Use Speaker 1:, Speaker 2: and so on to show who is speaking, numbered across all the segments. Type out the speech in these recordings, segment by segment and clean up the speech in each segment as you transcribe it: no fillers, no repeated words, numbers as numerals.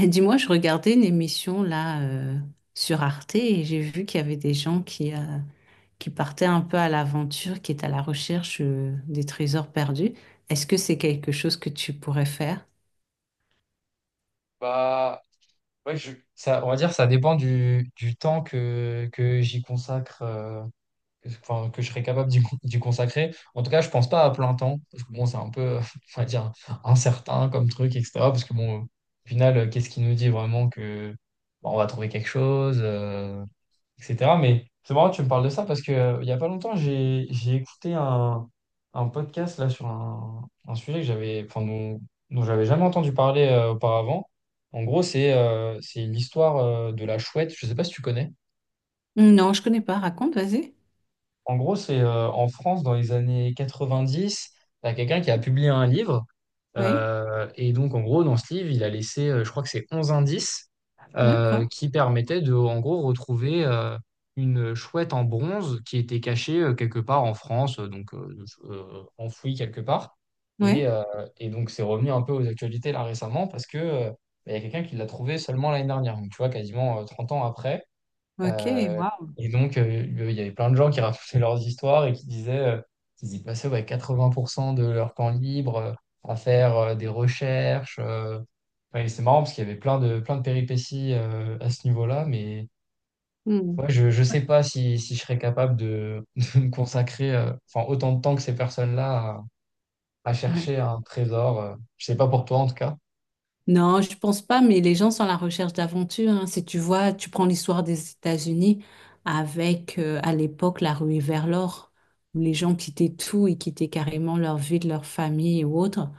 Speaker 1: Et dis-moi, je regardais une émission là sur Arte et j'ai vu qu'il y avait des gens qui, qui partaient un peu à l'aventure, qui étaient à la recherche des trésors perdus. Est-ce que c'est quelque chose que tu pourrais faire?
Speaker 2: Bah, ouais, on va dire ça dépend du temps que j'y consacre, enfin, que je serais capable d'y consacrer. En tout cas, je pense pas à plein temps, parce que bon, c'est un peu, on va dire, incertain comme truc, etc. Parce que bon, au final, qu'est-ce qui nous dit vraiment que bah, on va trouver quelque chose? Etc. Mais c'est marrant, que tu me parles de ça parce que il y a pas longtemps, j'ai écouté un podcast là sur un sujet que j'avais, enfin, dont j'avais jamais entendu parler auparavant. En gros, c'est l'histoire de la chouette. Je sais pas si tu connais.
Speaker 1: Non, je connais pas. Raconte, vas-y.
Speaker 2: En gros, c'est en France dans les années 90, il y a quelqu'un qui a publié un livre.
Speaker 1: Oui,
Speaker 2: Et donc, en gros, dans ce livre, il a laissé, je crois que c'est 11 indices
Speaker 1: d'accord.
Speaker 2: qui permettaient de, en gros, retrouver une chouette en bronze qui était cachée quelque part en France, donc enfouie quelque part. Et,
Speaker 1: Oui,
Speaker 2: euh, et donc, c'est revenu un peu aux actualités là récemment parce que bah, il y a quelqu'un qui l'a trouvée seulement l'année dernière, donc tu vois, quasiment 30 ans après.
Speaker 1: ok,
Speaker 2: Euh,
Speaker 1: waouh.
Speaker 2: et donc, il y avait plein de gens qui racontaient leurs histoires et qui disaient qu'ils y passaient ouais, 80% de leur temps libre à faire des recherches. Ouais, et c'est marrant parce qu'il y avait plein de péripéties à ce niveau-là, mais ouais,
Speaker 1: Hmm.
Speaker 2: je ne sais pas si je serais capable de me consacrer enfin, autant de temps que ces personnes-là à
Speaker 1: Ouais.
Speaker 2: chercher un trésor. Je sais pas pour toi en tout cas.
Speaker 1: Non, je pense pas, mais les gens sont à la recherche d'aventure, hein. Si tu vois, tu prends l'histoire des États-Unis avec, à l'époque, la ruée vers l'or, où les gens quittaient tout et quittaient carrément leur vie, de leur famille ou autre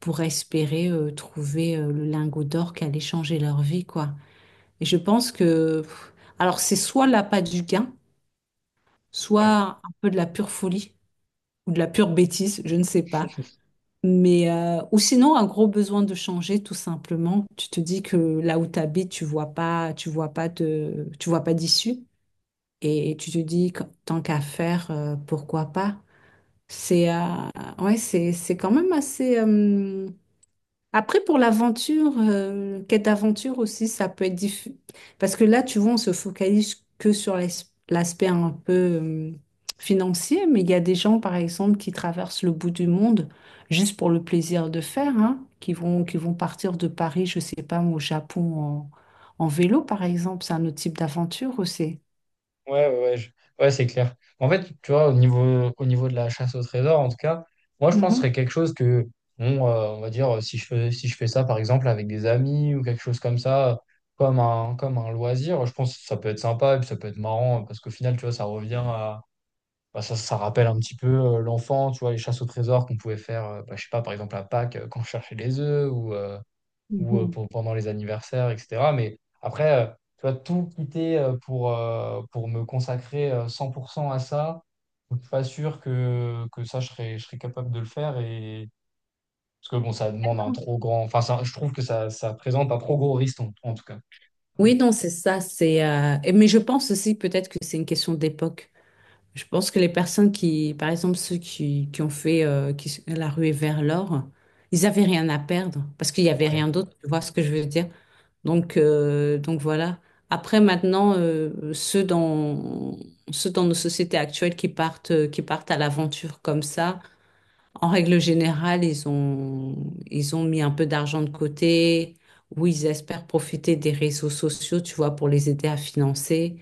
Speaker 1: pour espérer trouver le lingot d'or qui allait changer leur vie, quoi. Et je pense que, alors c'est soit l'appât du gain, soit un peu de la pure folie ou de la pure bêtise, je ne sais pas. Mais, ou sinon, un gros besoin de changer, tout simplement. Tu te dis que là où tu habites, tu vois pas, tu vois pas d'issue. Et tu te dis que tant qu'à faire, pourquoi pas? C'est, euh, c'est quand même assez. Après, pour l'aventure, quête d'aventure aussi, ça peut être diffus. Parce que là, tu vois, on se focalise que sur l'aspect un peu financier, mais il y a des gens, par exemple, qui traversent le bout du monde juste pour le plaisir de faire, hein, qui vont partir de Paris, je sais pas, au Japon en vélo, par exemple. C'est un autre type d'aventure aussi.
Speaker 2: Ouais, ouais, ouais, ouais, c'est clair. En fait, tu vois, au niveau de la chasse au trésor, en tout cas, moi, je pense que ce
Speaker 1: Mhm,
Speaker 2: serait quelque chose que, bon, on va dire, si je fais ça, par exemple, avec des amis ou quelque chose comme ça, comme un loisir, je pense que ça peut être sympa et puis ça peut être marrant parce qu'au final, tu vois, ça revient à. Bah, ça rappelle un petit peu l'enfant, tu vois, les chasses au trésor qu'on pouvait faire, bah, je sais pas, par exemple, à Pâques, quand on cherchait les œufs ou. euh, ou euh,
Speaker 1: mhm.
Speaker 2: pour- pendant les anniversaires, etc. Mais après, tu vois, tout quitter pour me consacrer 100% à ça, je suis pas sûr que ça, je serais capable de le faire. Parce que bon, ça demande un trop grand. Enfin, je trouve que ça présente un trop gros risque, en tout cas.
Speaker 1: Oui, non, c'est ça, c'est mais je pense aussi peut-être que c'est une question d'époque. Je pense que les personnes qui, par exemple, qui ont fait euh, la ruée vers l'or, ils avaient rien à perdre parce qu'il n'y avait
Speaker 2: Ouais,
Speaker 1: rien d'autre. Tu vois ce que je veux dire? Donc voilà. Après, maintenant, euh, ceux dans nos sociétés actuelles qui partent à l'aventure comme ça, en règle générale, ils ont mis un peu d'argent de côté ou ils espèrent profiter des réseaux sociaux, tu vois, pour les aider à financer.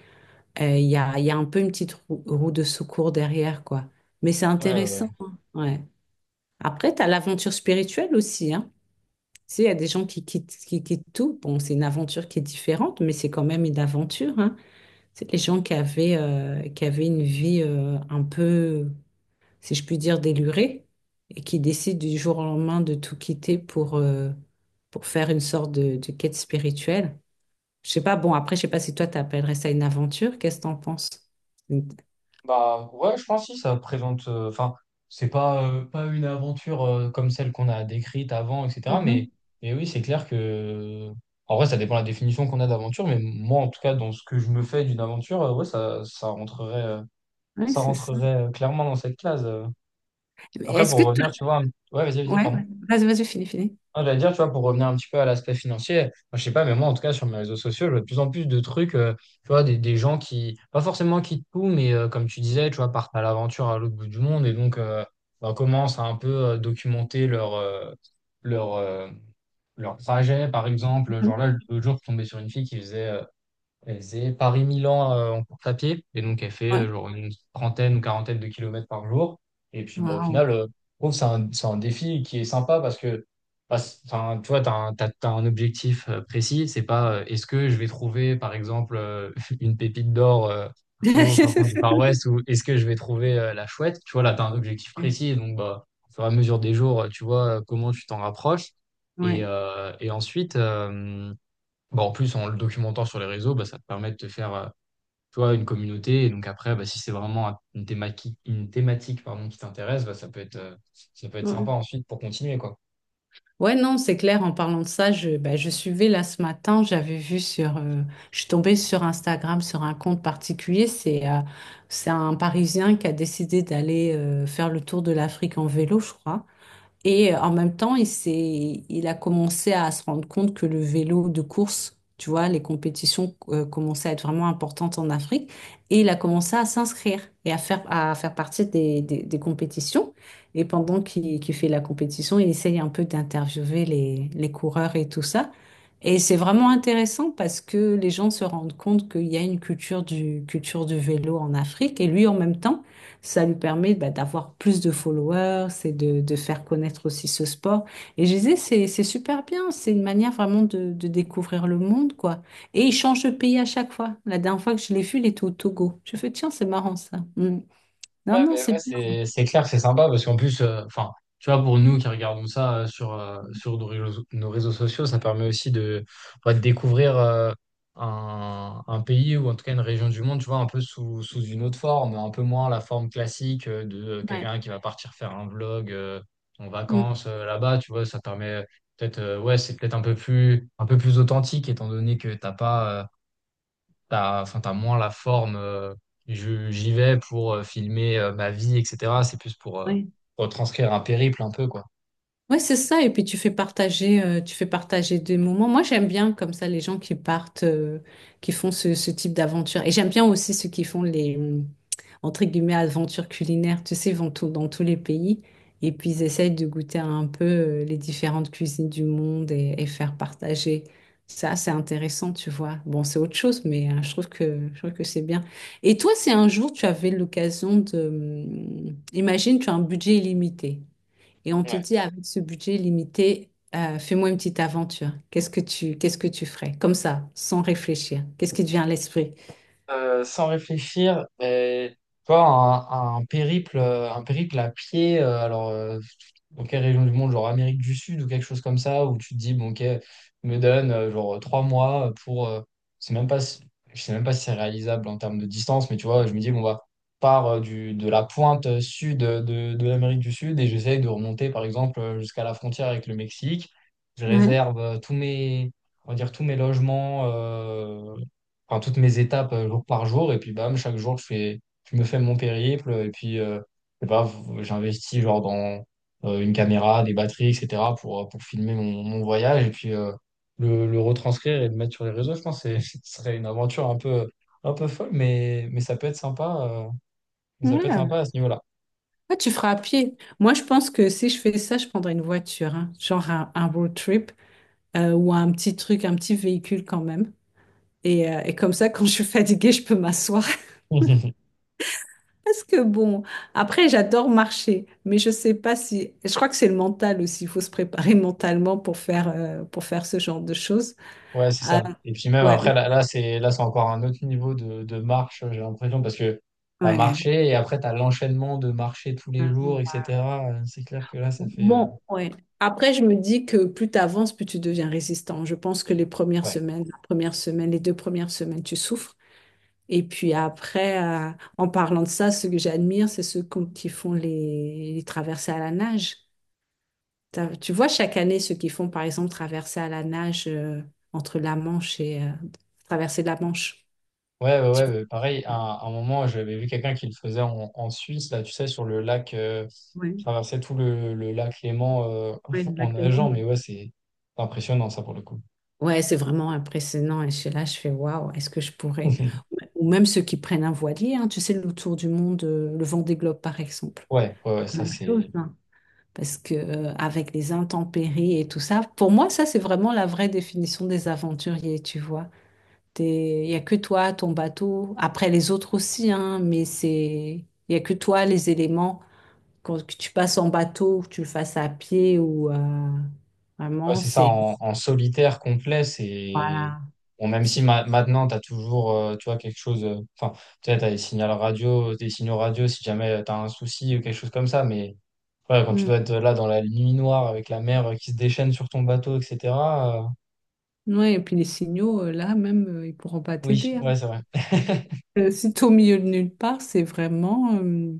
Speaker 1: Il y a un peu une petite roue de secours derrière, quoi. Mais c'est
Speaker 2: ouais, ouais.
Speaker 1: intéressant, hein. Ouais. Après, tu as l'aventure spirituelle aussi, hein. Tu sais, il y a des gens qui quittent tout. Bon, c'est une aventure qui est différente, mais c'est quand même une aventure, hein. C'est les gens qui avaient une vie un peu, si je puis dire, délurée, et qui décident du jour au lendemain de tout quitter pour faire une sorte de quête spirituelle. Je sais pas, bon, après, je sais pas si toi, tu appellerais ça une aventure. Qu'est-ce que tu en penses?
Speaker 2: Bah ouais, je pense si ça présente. Enfin, c'est pas une aventure comme celle qu'on a décrite avant, etc. Mais
Speaker 1: Mhm.
Speaker 2: oui, c'est clair que en vrai, ça dépend de la définition qu'on a d'aventure. Mais moi, en tout cas, dans ce que je me fais d'une aventure, ouais, ça ça rentrerait euh,
Speaker 1: Oui,
Speaker 2: ça
Speaker 1: c'est ça.
Speaker 2: rentrerait euh, clairement dans cette case.
Speaker 1: Mais
Speaker 2: Après,
Speaker 1: est-ce que
Speaker 2: pour
Speaker 1: toi...
Speaker 2: revenir, tu vois, ouais, vas-y, vas-y,
Speaker 1: Ouais,
Speaker 2: pardon.
Speaker 1: ouais. Vas-y, vas-y, finis.
Speaker 2: Ah, j'allais dire, tu vois, pour revenir un petit peu à l'aspect financier, moi, je sais pas, mais moi, en tout cas, sur mes réseaux sociaux, je vois de plus en plus de trucs, tu vois, des gens qui, pas forcément quittent tout, mais comme tu disais, tu vois, partent à l'aventure à l'autre bout du monde et donc bah, commencent à un peu documenter leur, euh, leur trajet, par exemple. Genre
Speaker 1: Mhm.
Speaker 2: là, l'autre jour, je suis tombé sur une fille qui faisait elle faisait Paris-Milan en course à pied. Et donc, elle fait
Speaker 1: Ouais.
Speaker 2: genre une trentaine ou quarantaine de kilomètres par jour. Et puis, bon au
Speaker 1: Waouh.
Speaker 2: final, je trouve que c'est un défi qui est sympa parce que, bah, enfin, tu vois, tu as, un t'as- t'as un objectif précis. C'est pas est-ce que je vais trouver, par exemple, une pépite d'or au fin fond du Far West ou est-ce que je vais trouver la chouette? Tu vois, là, tu as un objectif précis. Donc, bah, au fur et à mesure des jours, tu vois comment tu t'en rapproches. Et,
Speaker 1: Ouais.
Speaker 2: euh, et ensuite, bon, en plus, en le documentant sur les réseaux, bah, ça te permet de te faire, tu vois, une communauté. Et donc après, bah, si c'est vraiment une thématique, qui t'intéresse, bah, ça peut être
Speaker 1: Ouais.
Speaker 2: sympa ensuite pour continuer, quoi.
Speaker 1: Ouais, non, c'est clair. En parlant de ça, je, bah, je suivais là ce matin, j'avais vu sur, je suis tombée sur Instagram sur un compte particulier. C'est un Parisien qui a décidé d'aller faire le tour de l'Afrique en vélo, je crois. Et en même temps, il a commencé à se rendre compte que le vélo de course, tu vois, les compétitions commençaient à être vraiment importantes en Afrique. Et il a commencé à s'inscrire et à faire partie des compétitions. Et pendant qu'il fait la compétition, il essaye un peu d'interviewer les coureurs et tout ça. Et c'est vraiment intéressant parce que les gens se rendent compte qu'il y a une culture du vélo en Afrique. Et lui, en même temps, ça lui permet bah, d'avoir plus de followers et de faire connaître aussi ce sport. Et je disais, c'est super bien. C'est une manière vraiment de découvrir le monde, quoi. Et il change de pays à chaque fois. La dernière fois que je l'ai vu, il était au Togo. Je fais, tiens, c'est marrant ça. Mm.
Speaker 2: Ouais,
Speaker 1: Non, non,
Speaker 2: mais
Speaker 1: c'est
Speaker 2: ouais,
Speaker 1: bien.
Speaker 2: c'est clair, c'est sympa parce qu'en plus, enfin, tu vois, pour nous qui regardons ça sur nos réseaux sociaux, ça permet aussi ouais, de découvrir un pays ou en tout cas une région du monde, tu vois, un peu sous une autre forme, un peu moins la forme classique de
Speaker 1: Ouais.
Speaker 2: quelqu'un qui va partir faire un vlog en
Speaker 1: Mm.
Speaker 2: vacances là-bas, tu vois, ça permet peut-être, ouais, c'est peut-être un peu plus authentique étant donné que t'as pas. Enfin, t'as moins la forme. J'y vais pour filmer ma vie, etc. C'est plus pour
Speaker 1: Ouais.
Speaker 2: retranscrire un périple un peu, quoi.
Speaker 1: Ouais, c'est ça. Et puis tu fais partager des moments. Moi, j'aime bien comme ça les gens qui partent, qui font ce, ce type d'aventure. Et j'aime bien aussi ceux qui font les, entre guillemets, aventures culinaires. Tu sais, ils vont tout, dans tous les pays et puis ils essayent de goûter un peu les différentes cuisines du monde et faire partager. Ça, c'est intéressant, tu vois. Bon, c'est autre chose, mais je trouve que c'est bien. Et toi, si un jour tu avais l'occasion de, imagine, tu as un budget illimité. Et on te dit, avec ce budget limité, fais-moi une petite aventure. Qu'est-ce que tu ferais? Comme ça, sans réfléchir. Qu'est-ce qui te vient à l'esprit?
Speaker 2: Sans réfléchir, et, toi, un périple à pied, dans quelle région du monde, genre Amérique du Sud ou quelque chose comme ça, où tu te dis, bon, ok, me donne genre 3 mois pour, c'est même pas, je sais même pas si c'est réalisable en termes de distance, mais tu vois, je me dis, bon, bah, part de la pointe sud de l'Amérique du Sud et j'essaye de remonter, par exemple, jusqu'à la frontière avec le Mexique. Je
Speaker 1: Ouais.
Speaker 2: réserve tous mes, on va dire, tous mes logements. Enfin, toutes mes étapes jour par jour. Et puis, bam, chaque jour, je me fais mon périple. Et puis, je sais pas, j'investis genre dans une caméra, des batteries, etc. pour filmer mon voyage et puis le retranscrire et le mettre sur les réseaux. Je pense que ce serait une aventure un peu folle, mais ça peut être sympa, mais ça peut être
Speaker 1: Ouais.
Speaker 2: sympa à ce niveau-là.
Speaker 1: Ah, tu feras à pied. Moi, je pense que si je fais ça, je prendrais une voiture, hein. Genre un road trip ou un petit truc, un petit véhicule quand même. Et comme ça, quand je suis fatiguée, je peux m'asseoir. Parce que bon, après, j'adore marcher, mais je sais pas si. Je crois que c'est le mental aussi. Il faut se préparer mentalement pour faire ce genre de choses.
Speaker 2: Ouais, c'est ça. Et puis même
Speaker 1: Ouais,
Speaker 2: après, là, c'est encore un autre niveau de marche, j'ai l'impression, parce que t'as
Speaker 1: ouais.
Speaker 2: marché et après t'as l'enchaînement de marcher tous les
Speaker 1: Ah,
Speaker 2: jours,
Speaker 1: ouais.
Speaker 2: etc. C'est clair que là, ça fait.
Speaker 1: Bon, ouais. Après, je me dis que plus tu avances, plus tu deviens résistant. Je pense que les premières
Speaker 2: Ouais.
Speaker 1: semaines, la première semaine, les deux premières semaines, tu souffres. Et puis après, en parlant de ça, ce que j'admire, c'est qui font les traversées à la nage. Tu vois, chaque année, ceux qui font, par exemple, traversées à la nage entre la Manche et traversée de la Manche.
Speaker 2: Ouais, ouais,
Speaker 1: Tu-
Speaker 2: ouais, ouais, pareil, à un moment, j'avais vu quelqu'un qui le faisait en Suisse, là, tu sais, sur le lac, il
Speaker 1: Ouais,
Speaker 2: traversait tout le lac Léman
Speaker 1: ouais, le
Speaker 2: en
Speaker 1: lac Léman.
Speaker 2: nageant, mais ouais, c'est impressionnant, ça, pour le coup.
Speaker 1: Ouais, c'est vraiment impressionnant. Et suis là, je fais waouh, est-ce que je pourrais? Ou même ceux qui prennent un voilier, hein, tu sais, le tour du monde, le Vendée Globe par exemple.
Speaker 2: Ouais, ouais, ouais,
Speaker 1: La
Speaker 2: ça,
Speaker 1: même chose,
Speaker 2: c'est.
Speaker 1: hein. Parce que avec les intempéries et tout ça, pour moi, ça, c'est vraiment la vraie définition des aventuriers, tu vois. Il n'y a que toi, ton bateau, après les autres aussi, hein, mais c'est, il n'y a que toi, les éléments, quand, que tu passes en bateau, que tu le fasses à pied ou
Speaker 2: Ouais,
Speaker 1: vraiment,
Speaker 2: c'est ça,
Speaker 1: c'est,
Speaker 2: en solitaire complet, c'est.
Speaker 1: voilà.
Speaker 2: Bon, même si
Speaker 1: C'est-
Speaker 2: maintenant, tu as toujours tu vois, quelque chose. Enfin, tu sais, tu as des signaux radio si jamais tu as un souci ou quelque chose comme ça. Mais ouais, quand tu
Speaker 1: hmm.
Speaker 2: dois être là dans la nuit noire avec la mer qui se déchaîne sur ton bateau, etc. euh,
Speaker 1: Ouais, et puis les signaux, là même, ils pourront pas
Speaker 2: Oui,
Speaker 1: t'aider, hein.
Speaker 2: ouais, c'est vrai.
Speaker 1: Si t'es au milieu de nulle part,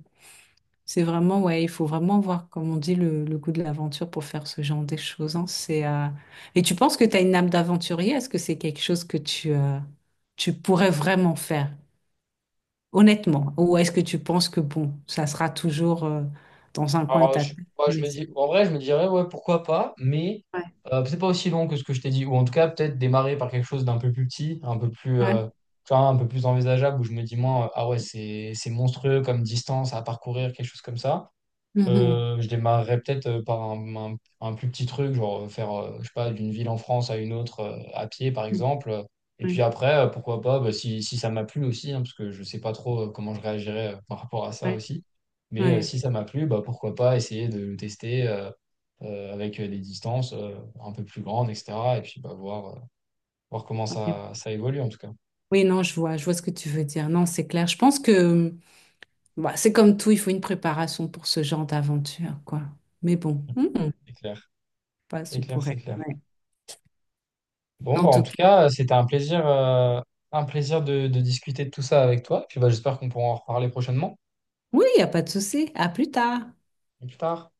Speaker 1: c'est vraiment, ouais, il faut vraiment voir, comme on dit, le goût de l'aventure pour faire ce genre de choses, hein. Et tu penses que tu as une âme d'aventurier? Est-ce que c'est quelque chose que tu, tu pourrais vraiment faire, honnêtement? Ou est-ce que tu penses que, bon, ça sera toujours, dans un coin de
Speaker 2: Alors,
Speaker 1: ta tête?
Speaker 2: moi, je
Speaker 1: Mais
Speaker 2: me dis, en vrai, je me dirais, ouais, pourquoi pas, mais
Speaker 1: ouais,
Speaker 2: peut-être pas aussi long que ce que je t'ai dit, ou en tout cas, peut-être démarrer par quelque chose d'un peu plus petit, un peu plus,
Speaker 1: ouais.
Speaker 2: tu vois, un peu plus envisageable, où je me dis, moi, ah ouais, c'est monstrueux comme distance à parcourir, quelque chose comme ça.
Speaker 1: Mhm.
Speaker 2: Je démarrerais peut-être par un plus petit truc, genre faire, je sais pas, d'une ville en France à une autre à pied, par exemple. Et puis
Speaker 1: Ouais,
Speaker 2: après, pourquoi pas, bah, si ça m'a plu aussi, hein, parce que je sais pas trop comment je réagirais par rapport à ça
Speaker 1: ouais,
Speaker 2: aussi. Mais
Speaker 1: ouais.
Speaker 2: si ça m'a plu, bah, pourquoi pas essayer de le tester avec des distances un peu plus grandes, etc. Et puis bah, voir comment
Speaker 1: Ouais.
Speaker 2: ça évolue, en tout cas.
Speaker 1: Oui, non, je vois ce que tu veux dire. Non, c'est clair. Je pense que bah, c'est comme tout, il faut une préparation pour ce genre d'aventure, quoi. Mais bon, hmm,
Speaker 2: C'est clair,
Speaker 1: pas
Speaker 2: c'est
Speaker 1: ce
Speaker 2: clair, c'est
Speaker 1: pourrait.
Speaker 2: clair.
Speaker 1: Ouais.
Speaker 2: Bon,
Speaker 1: En
Speaker 2: bah,
Speaker 1: tout
Speaker 2: en tout
Speaker 1: cas,
Speaker 2: cas, c'était un plaisir de discuter de tout ça avec toi. Puis bah, j'espère qu'on pourra en reparler prochainement,
Speaker 1: oui, il n'y a pas de souci. À plus tard.
Speaker 2: plus tard.